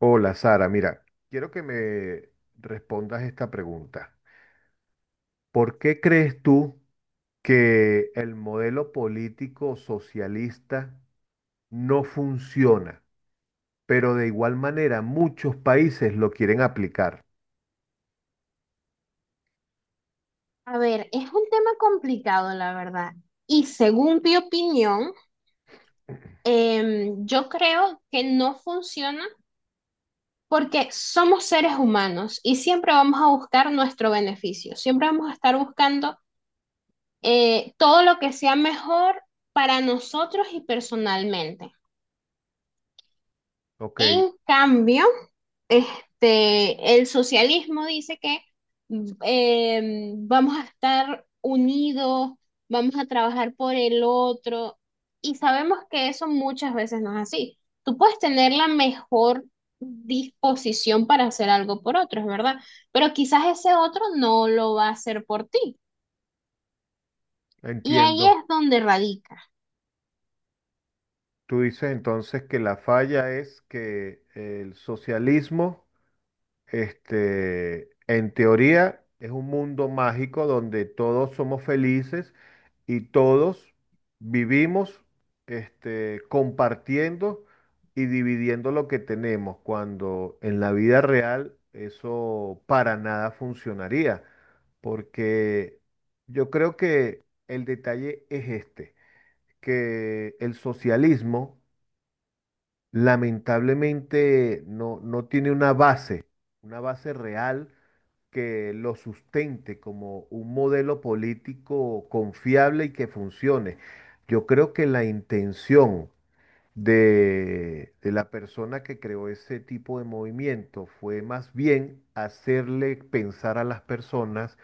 Hola Sara, mira, quiero que me respondas esta pregunta. ¿Por qué crees tú que el modelo político socialista no funciona, pero de igual manera muchos países lo quieren aplicar? A ver, es un tema complicado, la verdad. Y según mi opinión, yo creo que no funciona porque somos seres humanos y siempre vamos a buscar nuestro beneficio. Siempre vamos a estar buscando todo lo que sea mejor para nosotros y personalmente. Ok, En cambio, el socialismo dice que vamos a estar unidos, vamos a trabajar por el otro, y sabemos que eso muchas veces no es así. Tú puedes tener la mejor disposición para hacer algo por otro, es verdad, pero quizás ese otro no lo va a hacer por ti. Y ahí entiendo. es donde radica. Tú dices entonces que la falla es que el socialismo en teoría, es un mundo mágico donde todos somos felices y todos vivimos, compartiendo y dividiendo lo que tenemos, cuando en la vida real eso para nada funcionaría, porque yo creo que el detalle es este, que el socialismo lamentablemente no tiene una base real que lo sustente como un modelo político confiable y que funcione. Yo creo que la intención de la persona que creó ese tipo de movimiento fue más bien hacerle pensar a las personas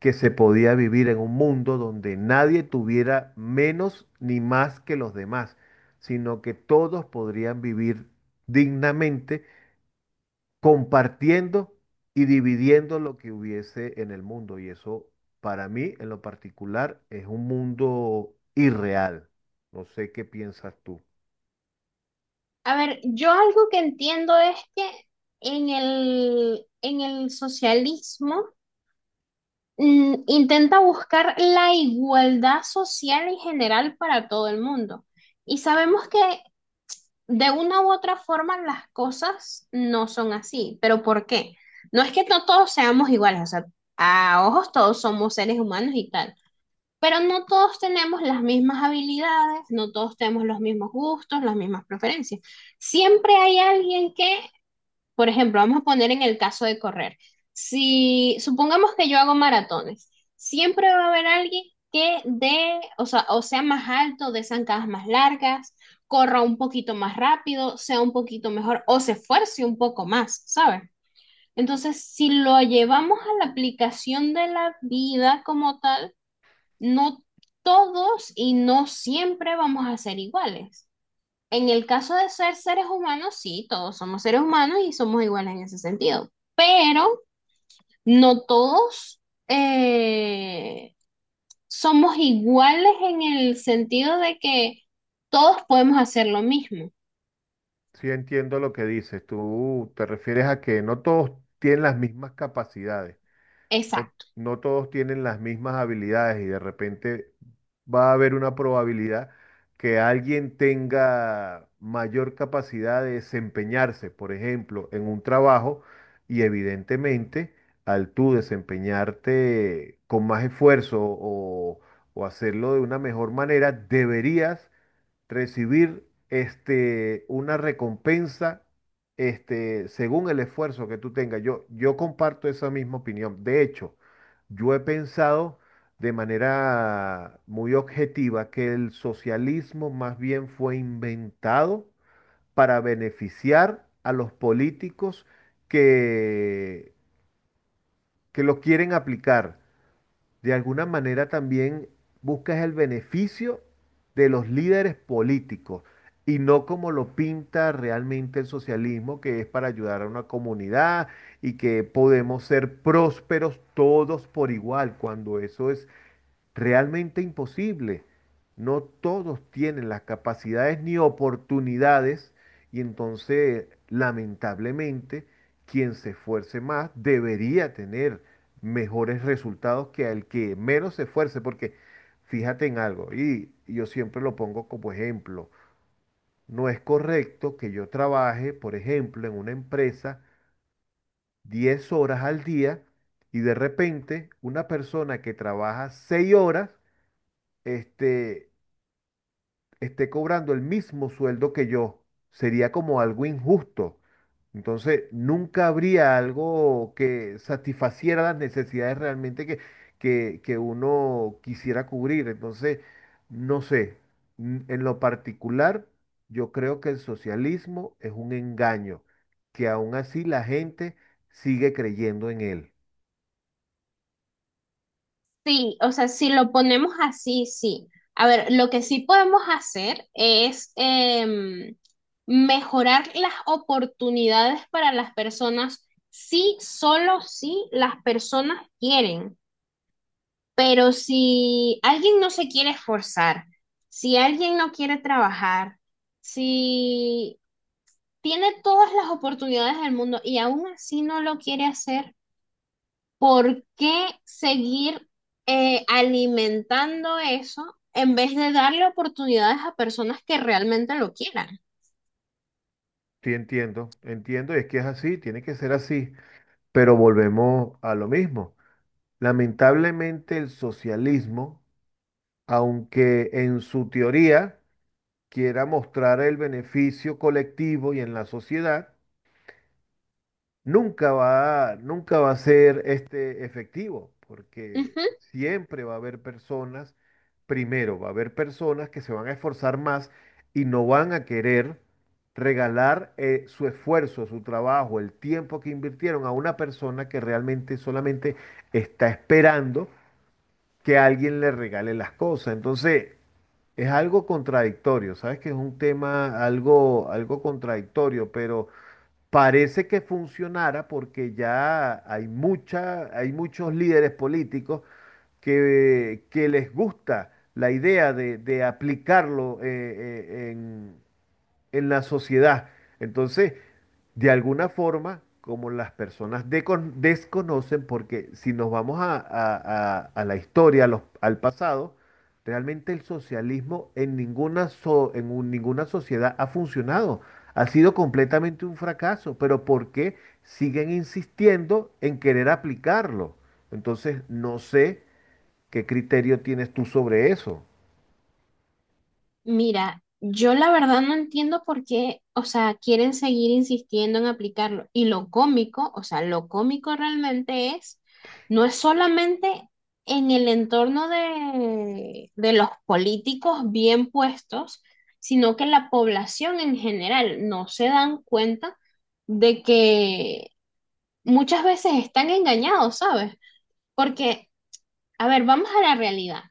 que se podía vivir en un mundo donde nadie tuviera menos ni más que los demás, sino que todos podrían vivir dignamente compartiendo y dividiendo lo que hubiese en el mundo. Y eso para mí en lo particular es un mundo irreal. No sé qué piensas tú. A ver, yo algo que entiendo es que en el socialismo, intenta buscar la igualdad social en general para todo el mundo. Y sabemos que de una u otra forma las cosas no son así, pero ¿por qué? No es que no todos seamos iguales, o sea, a ojos todos somos seres humanos y tal, pero no todos tenemos las mismas habilidades, no todos tenemos los mismos gustos, las mismas preferencias. Siempre hay alguien que, por ejemplo, vamos a poner en el caso de correr. Si supongamos que yo hago maratones, siempre va a haber alguien que dé, o sea, más alto, dé zancadas más largas, corra un poquito más rápido, sea un poquito mejor o se esfuerce un poco más, ¿sabes? Entonces, si lo llevamos a la aplicación de la vida como tal, no todos y no siempre vamos a ser iguales. En el caso de ser seres humanos, sí, todos somos seres humanos y somos iguales en ese sentido, pero no todos eh, somos iguales en el sentido de que todos podemos hacer lo mismo. Sí, entiendo lo que dices. Tú te refieres a que no todos tienen las mismas capacidades. no, Exacto. no todos tienen las mismas habilidades y de repente va a haber una probabilidad que alguien tenga mayor capacidad de desempeñarse, por ejemplo, en un trabajo y evidentemente al tú desempeñarte con más esfuerzo o hacerlo de una mejor manera, deberías recibir este, una recompensa este, según el esfuerzo que tú tengas. Yo comparto esa misma opinión. De hecho, yo he pensado de manera muy objetiva que el socialismo más bien fue inventado para beneficiar a los políticos que, que lo quieren aplicar de alguna manera también buscas el beneficio de los líderes políticos y no como lo pinta realmente el socialismo, que es para ayudar a una comunidad y que podemos ser prósperos todos por igual, cuando eso es realmente imposible. No todos tienen las capacidades ni oportunidades y entonces, lamentablemente, quien se esfuerce más debería tener mejores resultados que el que menos se esfuerce, porque fíjate en algo, y yo siempre lo pongo como ejemplo, no es correcto que yo trabaje, por ejemplo, en una empresa 10 horas al día y de repente una persona que trabaja 6 horas, este, esté cobrando el mismo sueldo que yo, sería como algo injusto. Entonces, nunca habría algo que satisfaciera las necesidades realmente que uno quisiera cubrir. Entonces, no sé, en lo particular, yo creo que el socialismo es un engaño, que aún así la gente sigue creyendo en él. Sí, o sea, si lo ponemos así, sí. A ver, lo que sí podemos hacer es mejorar las oportunidades para las personas si, solo si las personas quieren. Pero si alguien no se quiere esforzar, si alguien no quiere trabajar, si tiene todas las oportunidades del mundo y aún así no lo quiere hacer, ¿por qué seguir alimentando eso en vez de darle oportunidades a personas que realmente lo quieran? Sí, entiendo, y es que es así, tiene que ser así. Pero volvemos a lo mismo. Lamentablemente el socialismo, aunque en su teoría quiera mostrar el beneficio colectivo y en la sociedad, nunca va a ser este efectivo, porque Ujú. siempre va a haber personas, primero, va a haber personas que se van a esforzar más y no van a querer regalar su esfuerzo, su trabajo, el tiempo que invirtieron a una persona que realmente solamente está esperando que alguien le regale las cosas. Entonces, es algo contradictorio, ¿sabes? Que es un tema algo contradictorio, pero parece que funcionara porque hay muchos líderes políticos que les gusta la idea de aplicarlo en la sociedad. Entonces, de alguna forma, como las personas desconocen, porque si nos vamos a la historia, al pasado, realmente el socialismo ninguna sociedad ha funcionado. Ha sido completamente un fracaso, pero ¿por qué siguen insistiendo en querer aplicarlo? Entonces, no sé qué criterio tienes tú sobre eso. Mira, yo la verdad no entiendo por qué, o sea, quieren seguir insistiendo en aplicarlo. Y lo cómico, o sea, lo cómico realmente es, no es solamente en el entorno de los políticos bien puestos, sino que la población en general no se dan cuenta de que muchas veces están engañados, ¿sabes? Porque, a ver, vamos a la realidad.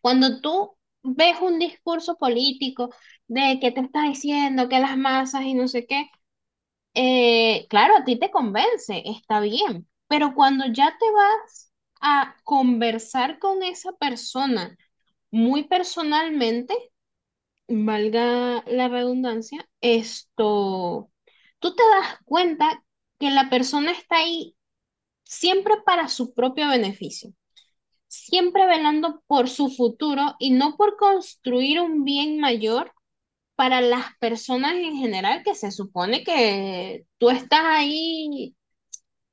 Cuando tú ves un discurso político de que te está diciendo que las masas y no sé qué, claro, a ti te convence, está bien, pero cuando ya te vas a conversar con esa persona muy personalmente, valga la redundancia, esto, tú te das cuenta que la persona está ahí siempre para su propio beneficio, siempre velando por su futuro y no por construir un bien mayor para las personas en general, que se supone que tú estás ahí,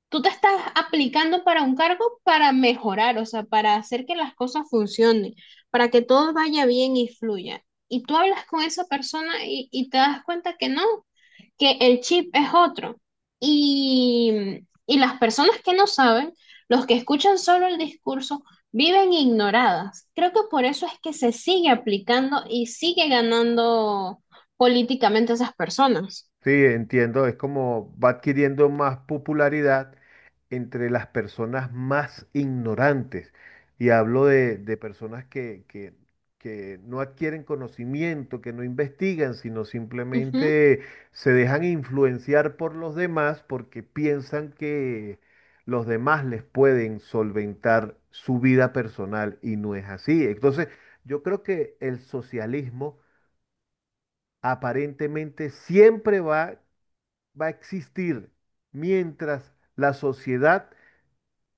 tú te estás aplicando para un cargo para mejorar, o sea, para hacer que las cosas funcionen, para que todo vaya bien y fluya. Y tú hablas con esa persona y te das cuenta que no, que el chip es otro. Y, y las personas que no saben, los que escuchan solo el discurso, viven ignoradas. Creo que por eso es que se sigue aplicando y sigue ganando políticamente esas personas. Sí, entiendo, es como va adquiriendo más popularidad entre las personas más ignorantes. Y hablo de personas que no adquieren conocimiento, que no investigan, sino Ujú. simplemente se dejan influenciar por los demás porque piensan que los demás les pueden solventar su vida personal y no es así. Entonces, yo creo que el socialismo aparentemente siempre va a existir mientras la sociedad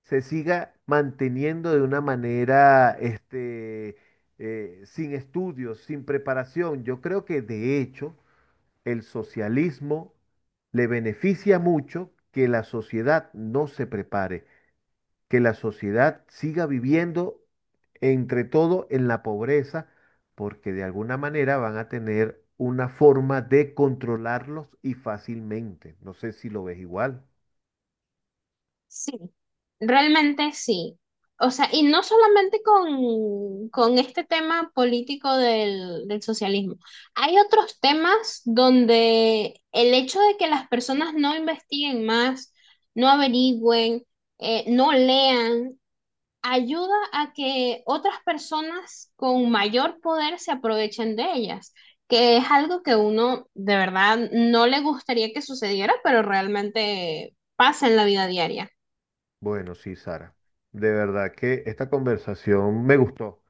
se siga manteniendo de una manera, sin estudios, sin preparación. Yo creo que de hecho el socialismo le beneficia mucho que la sociedad no se prepare, que la sociedad siga viviendo entre todo en la pobreza, porque de alguna manera van a tener una forma de controlarlos y fácilmente. No sé si lo ves igual. Sí, realmente sí. O sea, y no solamente con este tema político del socialismo. Hay otros temas donde el hecho de que las personas no investiguen más, no averigüen, no lean, ayuda a que otras personas con mayor poder se aprovechen de ellas, que es algo que uno de verdad no le gustaría que sucediera, pero realmente pasa en la vida diaria. Bueno, sí, Sara. De verdad que esta conversación me gustó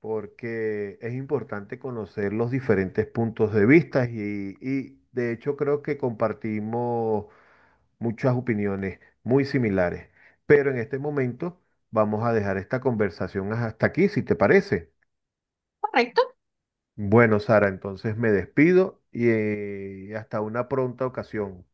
porque es importante conocer los diferentes puntos de vista y de hecho creo que compartimos muchas opiniones muy similares. Pero en este momento vamos a dejar esta conversación hasta aquí, si te parece. ¿Correcto? Bueno, Sara, entonces me despido y hasta una pronta ocasión.